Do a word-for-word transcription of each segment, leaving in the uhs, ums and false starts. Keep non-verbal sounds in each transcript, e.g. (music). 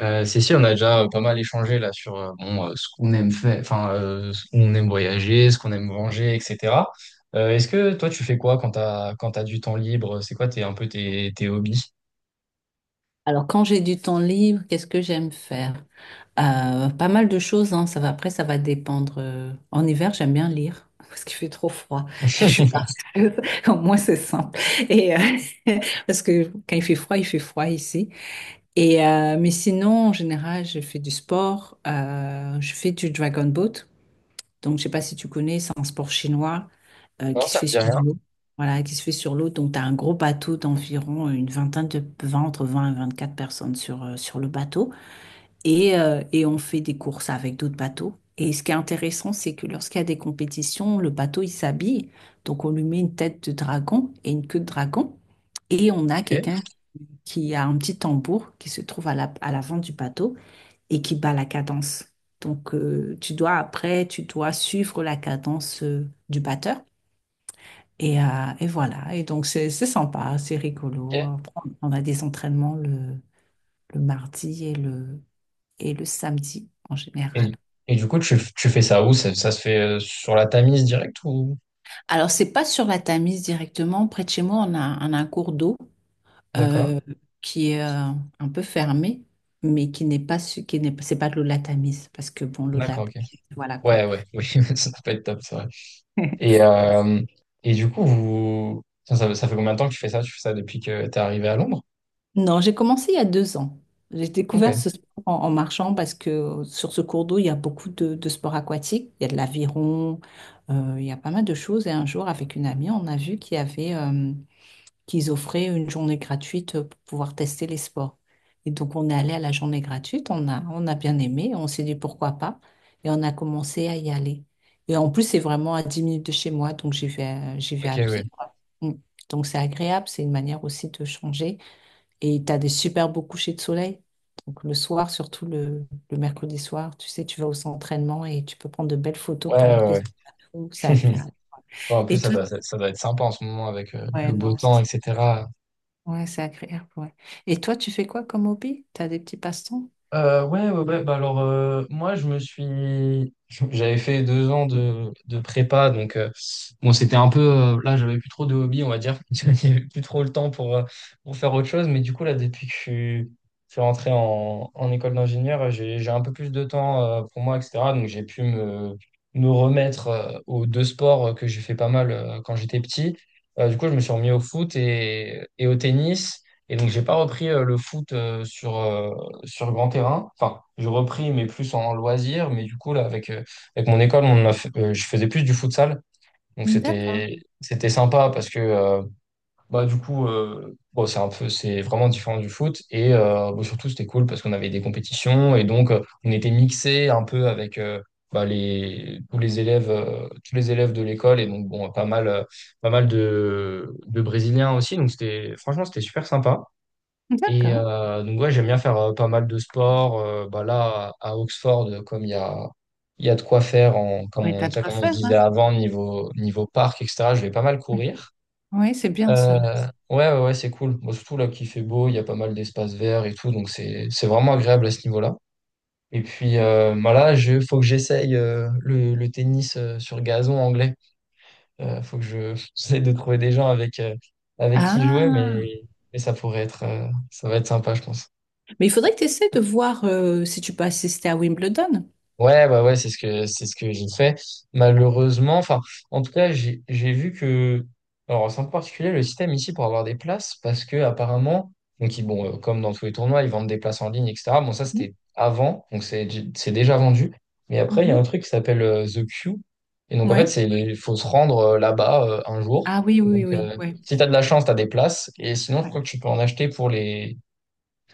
Euh, si, si, on a déjà euh, pas mal échangé là sur euh, bon, euh, ce qu'on aime faire, enfin, euh, ce qu'on aime voyager, ce qu'on aime manger, et cetera. Euh, est-ce que toi, tu fais quoi quand t'as quand t'as du temps libre? C'est quoi tes, un peu tes, tes hobbies? Alors, quand j'ai du temps libre, qu'est-ce que j'aime faire? Euh, pas mal de choses, hein, ça va. Après, ça va dépendre. euh, En hiver, j'aime bien lire (laughs) parce qu'il fait trop froid et je suis pas. (laughs) (laughs) Au moins, c'est simple. Et, euh, (laughs) Parce que quand il fait froid, il fait froid ici. Et, euh, mais sinon, en général, je fais du sport, euh, je fais du dragon boat. Donc, je sais pas si tu connais, c'est un sport chinois euh, Non, qui se ça me fait dit sur rien. l'eau. Voilà, qui se fait sur l'eau. Donc, tu as un gros bateau d'environ une vingtaine de vingt, entre vingt et vingt-quatre personnes sur, euh, sur le bateau. Et, euh, et on fait des courses avec d'autres bateaux. Et ce qui est intéressant, c'est que lorsqu'il y a des compétitions, le bateau, il s'habille. Donc, on lui met une tête de dragon et une queue de dragon. Et on a Ok, quelqu'un qui a un petit tambour qui se trouve à la- à l'avant du bateau et qui bat la cadence. Donc, euh, tu dois après, tu dois suivre la cadence euh, du batteur. Et, euh, et voilà. Et donc, c'est c'est sympa, c'est rigolo. ok. Après, on a des entraînements le, le mardi et le, et le samedi en général. Et, et du coup, tu, tu fais ça où? Ça, ça se fait euh, sur la Tamise direct ou? Alors, c'est pas sur la Tamise directement. Près de chez moi, on a, on a un cours d'eau D'accord. euh, qui est euh, un peu fermé, mais qui n'est pas, su- qui n'est, c'est pas de l'eau de la Tamise, parce que bon, l'eau de la, D'accord, ok. voilà quoi. Ouais, ouais, (laughs) oui, ça peut être top, c'est vrai. (laughs) Et, euh, et du coup, vous... ça, ça ça fait combien de temps que tu fais ça? Tu fais ça depuis que t'es arrivé à Londres? Non, j'ai commencé il y a deux ans. J'ai Ok, découvert ce sport en, en marchant parce que euh, sur ce cours d'eau, il y a beaucoup de, de sports aquatiques. Il y a de l'aviron, euh, il y a pas mal de choses. Et un jour, avec une amie, on a vu qu'il y avait, euh, qu'ils offraient une journée gratuite pour pouvoir tester les sports. Et donc, on est allé à la journée gratuite, on a, on a bien aimé, on s'est dit pourquoi pas. Et on a commencé à y aller. Et en plus, c'est vraiment à dix minutes de chez moi, donc j'y vais, à- j'y vais ok, à oui. pied, quoi. Mm. Donc, c'est agréable, c'est une manière aussi de changer. Et tu as des super beaux couchers de soleil. Donc le soir, surtout le, le mercredi soir, tu sais, tu vas au centre et tu peux prendre de belles photos Ouais, pendant que tu es ouais, sur la roue. C'est ouais. agréable. (laughs) Bon, en plus, Et ça toi, doit, t- ça doit être sympa en ce moment avec euh, ouais, le beau non, c'est temps, et cetera. ouais, C'est agréable. Ouais. Et toi, tu fais quoi comme hobby? Tu as des petits passe-temps? Euh, ouais, ouais, ouais. Bah alors, euh, moi, je me suis. J'avais fait deux ans de, de prépa, donc euh, bon, c'était un peu. Euh, là, j'avais plus trop de hobby, on va dire. (laughs) Il n'y avait plus trop le temps pour, euh, pour faire autre chose. Mais du coup, là, depuis que je suis, je suis rentré en, en école d'ingénieur, euh, j'ai, j'ai un peu plus de temps euh, pour moi, et cetera. Donc, j'ai pu me, me remettre euh, aux deux sports euh, que j'ai fait pas mal euh, quand j'étais petit. Euh, du coup, je me suis remis au foot et, et au tennis. Et donc, j'ai pas repris euh, le foot euh, sur. Euh, sur grand terrain. Enfin, je repris, mais plus en loisir. Mais du coup, là, avec, euh, avec mon école, on a fait- euh, je faisais plus du futsal. Donc, D'accord. c'était, c'était sympa parce que, euh, bah, du coup, euh, bon, c'est un peu, c'est vraiment différent du foot. Et euh, bon, surtout, c'était cool parce qu'on avait des compétitions. Et donc, euh, on était mixés un peu avec euh, bah, les, tous les élèves, euh, tous les élèves de l'école. Et donc, bon, pas mal, euh, pas mal de, de Brésiliens aussi. Donc, c'était, franchement, c'était super sympa. Et D'accord. euh, donc ouais, j'aime bien faire euh, pas mal de sport. Euh, bah là, à à Oxford, euh, comme il y a, il y a de quoi faire, en, comme, Ouais, on, t'as tu de sais, quoi comme on se faire, disait hein? avant, niveau, niveau parc, et cetera, je vais pas mal courir. Oui, c'est bien ça. Euh, ouais, ouais, ouais, c'est cool. Bon, surtout là qu'il fait beau, il y a pas mal d'espaces verts et tout, donc c'est, c'est vraiment agréable à ce niveau-là. Et puis euh, bah là, je, faut que j'essaye euh, le, le tennis euh, sur gazon anglais. Euh, faut que je, (laughs) j'essaie de trouver des gens avec, euh, avec qui jouer, Ah, mais, mais ça pourrait être, euh, ça va être sympa, je pense. mais il faudrait que tu essaies de voir euh, si tu peux assister à Wimbledon. Ouais, bah ouais, c'est ce que c'est ce que j'ai fait. Malheureusement, enfin, en tout cas, j'ai j'ai vu que, alors c'est en particulier le système ici pour avoir des places, parce que apparemment, donc ils- bon, euh, comme dans tous les tournois, ils vendent des places en ligne, et cetera. Bon, ça c'était avant, donc c'est c'est déjà vendu. Mais après, il y a un truc qui s'appelle euh, The Queue, et donc en fait, Oui. c'est il faut se rendre euh, là-bas euh, un jour. Ah oui, Et oui, oui, donc, oui. euh, Ouais. si t'as de la chance, t'as des places, et sinon, je Ouais, crois que tu peux en acheter pour les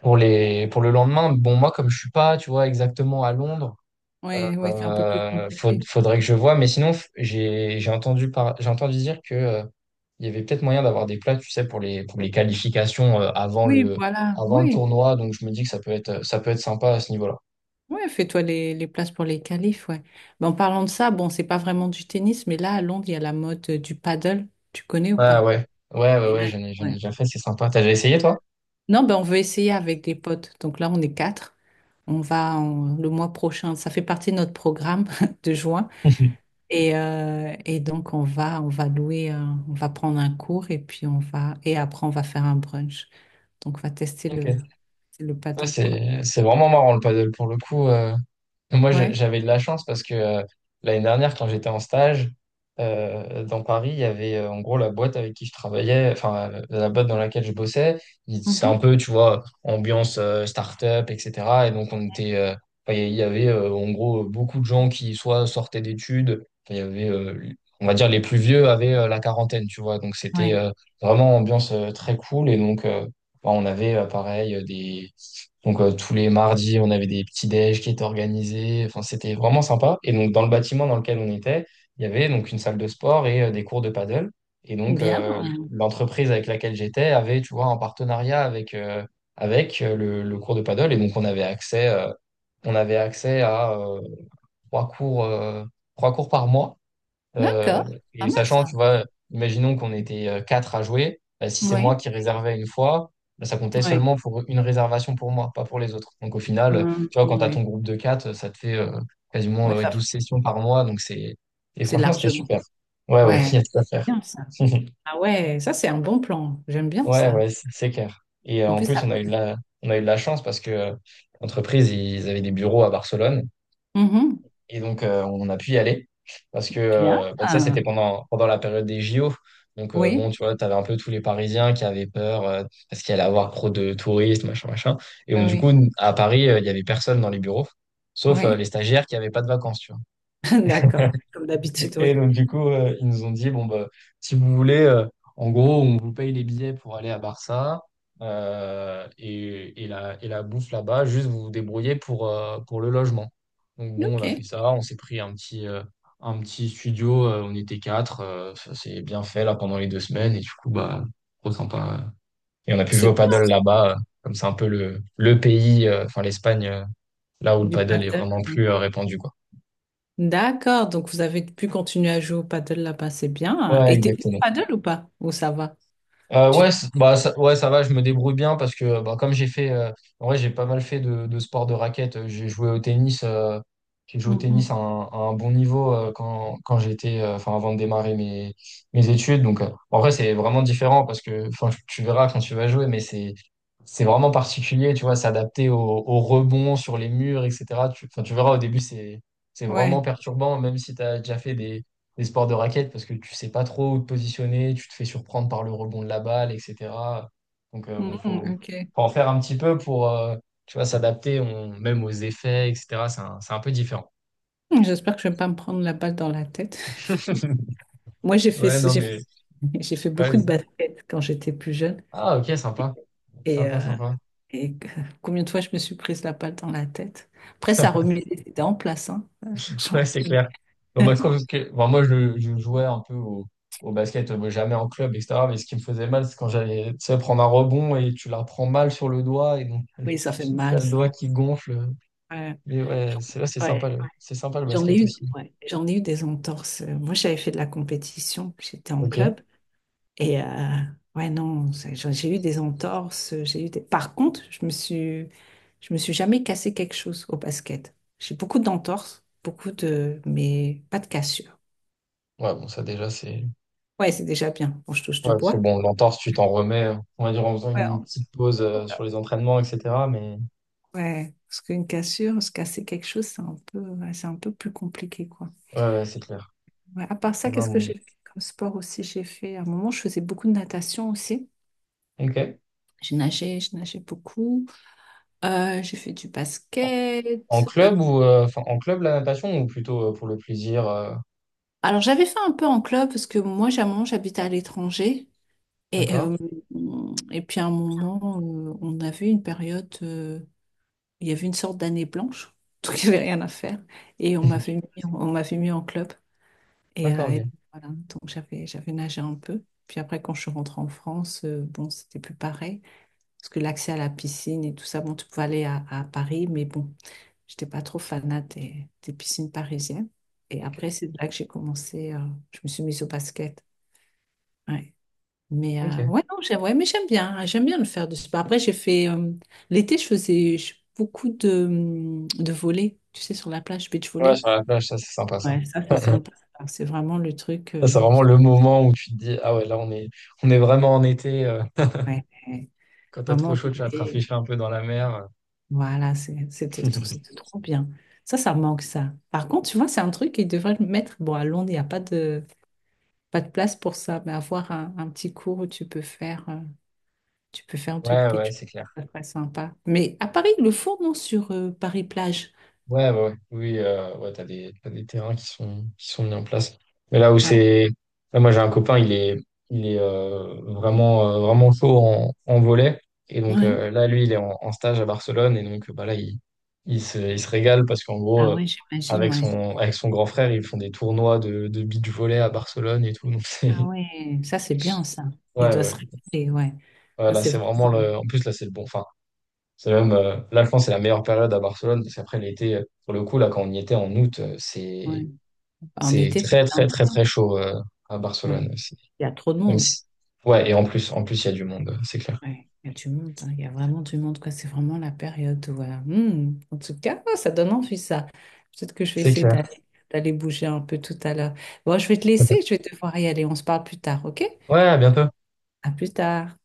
pour les pour le lendemain. Bon, moi, comme je suis pas, tu vois, exactement à Londres. ouais, ouais, c'est un peu plus Euh, faut- compliqué. Faudrait que je vois, mais sinon, f- j'ai j'ai entendu, par- j'ai entendu dire que euh, il y avait peut-être moyen d'avoir des plats, tu sais, pour les, pour les qualifications euh, avant Oui, le, voilà, avant le oui. tournoi, donc je me dis que ça peut être, ça peut être sympa à ce niveau-là. Oui, fais-toi les, les places pour les qualifs, ouais. Mais en parlant de ça, bon, c'est pas vraiment du tennis, mais là, à Londres, il y a la mode euh, du paddle. Tu connais ou Ouais, pas? ouais, ouais, ouais, Et ouais, là, j'en ai, j'en ai ouais. déjà fait, c'est sympa. T'as déjà essayé, toi? Non, ben, on veut essayer avec des potes. Donc là, on est quatre. On va en- le mois prochain. Ça fait partie de notre programme (laughs) de juin. (laughs) Et, euh, et donc, on va, on va louer, un- on va prendre un cours et puis on va, et après, on va faire un brunch. Donc, on va tester Ok. le, le Ouais, paddle, quoi. c'est, c'est vraiment marrant le paddle pour le coup. euh, Moi, j'a- Ouais. j'avais de la chance parce que euh, l'année dernière, quand j'étais en stage euh, dans Paris, il y avait euh, en gros la boîte avec qui je travaillais, enfin euh, la boîte dans laquelle je bossais. Il- C'est Mhm. un peu, tu vois, ambiance euh, start-up, et cetera. Et donc, on était, euh, enfin, il y avait euh, en gros beaucoup de gens qui soit sortaient d'études, enfin, il y avait, euh, on va dire, les plus vieux avaient euh, la quarantaine, tu vois. Donc, c'était Ouais. euh, vraiment ambiance euh, très cool. Et donc, euh, bah, on avait euh, pareil euh, des. Donc euh, tous les mardis, on avait des petits déj qui étaient organisés. Enfin, c'était vraiment sympa. Et donc dans le bâtiment dans lequel on était, il y avait donc une salle de sport et euh, des cours de paddle. Et donc Bien. euh, l'entreprise avec laquelle j'étais avait, tu vois, un partenariat avec euh, avec euh, le, le cours de paddle. Et donc on avait accès, euh, on avait accès à euh, trois cours, euh, trois cours par mois. Euh, D'accord, pas et mal sachant, ça. tu vois, imaginons qu'on était euh, quatre à jouer, bah, si c'est moi Oui, qui réservais une fois, bah, ça comptait oui. seulement pour une réservation pour moi, pas pour les autres. Donc au final, euh, Hum, tu vois, quand tu as ton oui, groupe de quatre, ça te fait euh, quasiment ouais. Euh, ça, douze sessions par mois. Donc c'est... Et c'est franchement, c'était largement. super. Ouais, ouais, (laughs) il y Ouais, a de quoi faire. c'est bien ça. (laughs) Ah ouais, ça c'est un bon plan. J'aime bien Ouais, ça. ouais, c'est c'est clair. Et euh, En en plus plus, on ça. a eu de la, on a eu de la chance parce que euh, l'entreprise, ils avaient des bureaux à Barcelone. Mhm. Et donc, euh, on a pu y aller parce que, Bien. euh, bah, tu sais, c'était pendant, pendant la période des J O. Donc, euh, bon, Oui, tu vois, tu avais un peu tous les Parisiens qui avaient peur euh, parce qu'il allait avoir trop de touristes, machin, machin. Et oui, donc, du coup, oui. à Paris, euh, il y avait personne dans les bureaux, sauf euh, les Oui. stagiaires qui n'avaient pas de vacances, tu vois. (laughs) D'accord. Comme d'habitude, Et oui. donc, du coup, euh, ils nous ont dit, bon, bah, si vous voulez, euh, en gros, on vous paye les billets pour aller à Barça euh, et, et la, et la bouffe là-bas, juste vous vous débrouillez pour, euh, pour le logement. Donc, bon, on Ok, a fait ça, on s'est pris un petit, euh, un petit studio, euh, on était quatre, euh, ça s'est bien fait là pendant les deux semaines, et du coup, bah, trop sympa. euh. Et on a pu jouer au c'est bien paddle là-bas, euh, comme c'est un peu le, le pays, euh, enfin l'Espagne, euh, là où le du paddle est paddle. vraiment Oui. plus euh, répandu, quoi. D'accord, donc vous avez pu continuer à jouer au paddle là-bas, c'est bien. Ouais, Et t'es bien au exactement. paddle ou pas? Ou ça va? Euh, Tu... Ouais, c- bah, ça, ouais, ça va, je me débrouille bien parce que bah, comme j'ai fait, euh, en vrai, j'ai pas mal fait de, de sport de raquette. euh, J'ai joué au tennis, euh, j'ai joué au tennis Mhm. à un, à un bon niveau euh, quand, quand j'étais, euh, enfin, avant de démarrer mes, mes études. Donc, euh, en vrai, c'est vraiment différent parce que, enfin, tu verras quand tu vas jouer, mais c'est, c'est vraiment particulier, tu vois, s'adapter au, au rebond sur les murs, et cetera. Tu, enfin, tu verras au début, c'est, c'est vraiment Ouais. perturbant, même si tu as déjà fait les sports de raquette parce que tu sais pas trop où te positionner, tu te fais surprendre par le rebond de la balle, et cetera. Donc euh, bon, Mhm, faut, ok. faut en faire un petit peu pour euh, tu vois, s'adapter on- même aux effets, et cetera. C'est un, c'est un peu différent. J'espère que je vais pas me prendre la balle dans la tête. (laughs) Moi, j'ai fait, Ouais, non, j'ai fait, mais (laughs) J'ai fait ouais, beaucoup de vas-y. basket quand j'étais plus jeune. Ah, ok, sympa. Et, Sympa, euh, sympa. et que- Combien de fois je me suis prise la balle dans la tête. Après, ça (laughs) remuait les dents en place, hein, euh, franchement. Ouais, c'est Mais clair. Bon, moi, je (laughs) trouve que, bon, moi, je, je jouais un peu au, au basket, euh, jamais en club, et cetera. Mais ce qui me faisait mal, c'est quand j'allais, tu sais, prendre un rebond et tu la prends mal sur le doigt et donc, oui, ça fait (laughs) t'as mal, le ça. doigt qui gonfle. Ouais. Mais ouais, c'est là, c'est sympa Ouais. le, c'est sympa le J'en ai basket eu, aussi. ouais. J'en ai eu des entorses. Moi, j'avais fait de la compétition. J'étais en Ok. club. Et euh, ouais, non, c'est- j'ai j'ai eu des entorses, j'ai eu des... Par contre, je me suis, je me suis jamais cassé quelque chose au basket. J'ai beaucoup d'entorses, beaucoup de... mais pas de cassure. Ouais, bon, ça déjà, c'est. Ouais, c'est déjà bien. Bon, je touche Ouais, du c'est bois. bon, l'entorse, tu t'en remets, euh, on va dire en faisant Ouais, une en- petite pause ouais, euh, sur les entraînements, et cetera. Mais ouais. Parce qu'une cassure, se casser quelque chose, c'est un peu, ouais, c'est un peu plus compliqué, quoi. ouais, ouais, c'est clair. Ouais, à part ça, Non, qu'est-ce que bon. j'ai fait comme sport aussi? J'ai fait, à un moment, je faisais beaucoup de natation aussi. Ok. J'ai nagé, je nageais beaucoup. Euh, j'ai fait du En, en basket. club ou euh, enfin en club la natation ou plutôt euh, pour le plaisir, euh, Alors j'avais fait un peu en club parce que moi, j'ai un moment, j'habite à l'étranger. Et, d'accord? euh, et puis à un moment, euh, on avait une période, euh, il y avait une sorte d'année blanche, (laughs) donc il n'y avait rien à faire. Et on m'avait (laughs) mis, on m'avait mis en club. Et, D'accord, euh, ok. et voilà, donc j'avais, j'avais nagé un peu. Puis après, quand je suis rentrée en France, euh, bon, c'était plus pareil. Parce que l'accès à la piscine et tout ça, bon, tu pouvais aller à, à Paris, mais bon, j'étais pas trop fanat des, des piscines parisiennes. Et Ok. après, c'est là que j'ai commencé, euh, je me suis mise au basket. Ouais. Mais euh, Ok. ouais, non, j'aime, ouais, mais j'aime bien, hein, j'aime bien le faire du sport. Après, j'ai fait euh, l'été, je faisais je- beaucoup de, hum, de volley, tu sais, sur la plage, beach Ouais, volley. sur la plage, ça, c'est sympa ça. Ouais, ça, c'est (laughs) sympa. Alors, c'est vraiment le truc, Ça, euh, c'est vraiment le moment où tu te dis, ah ouais, là, on est, on est vraiment en été. euh, ouais, ouais. Quand t'as trop Vraiment chaud, tu vas te d'été. rafraîchir un peu dans la mer. (laughs) Voilà, c'est- c'était trop, c'était trop bien. Ça, ça manque, ça. Par contre, tu vois, c'est un truc qu'ils devraient le mettre. Bon, à Londres, il n'y a pas de, pas de place pour ça, mais avoir un, un petit cours où tu peux faire. euh, Tu peux faire deux Ouais, ouais, beach c'est parties, clair. ça serait sympa. Mais à Paris, ils le font, non, sur euh, Paris-Plage. Ouais, ouais, ouais. Oui, euh, ouais, t'as des, t'as des terrains qui sont, qui sont mis en place. Mais là où Ah, c'est, là, moi, j'ai un copain, il est, il est euh, vraiment, euh, vraiment chaud en, en volley. Et donc, ouais. euh, là, lui, il est en, en stage à Barcelone. Et donc, euh, bah, là, il, il se, il se régale parce qu'en gros, Ah euh, ouais, j'imagine, avec ouais. son, avec son grand frère, ils font des tournois de, de beach volley à Barcelone et tout. Donc, Ah c'est, ouais, ça c'est bien ça. (laughs) Il ouais, doit se ouais. régaler, ouais. Ouais, Ah, là, c'est c'est vraiment vraiment... le, en plus, là, c'est le bon, enfin, c'est même, euh, là, je pense, que c'est la meilleure période à Barcelone parce qu'après l'été, euh, pour le coup, là, quand on y était en août, euh, c'est, ouais. En c'est été, c'est très très blindé, très hein. très chaud euh, à Barcelone Ouais. aussi. Il y a trop de Même monde. si... Ouais, et en plus, en plus, il y a du monde, c'est clair. Ouais. Il y a du monde, hein. Il y a vraiment du monde, quoi. C'est vraiment la période où... euh, hmm. En tout cas, ah, ça donne envie, ça. Peut-être que je vais C'est essayer clair. d'aller d'aller bouger un peu tout à l'heure. Bon, je vais te laisser, je vais devoir y aller. On se parle plus tard, ok? Ouais, à bientôt. À plus tard.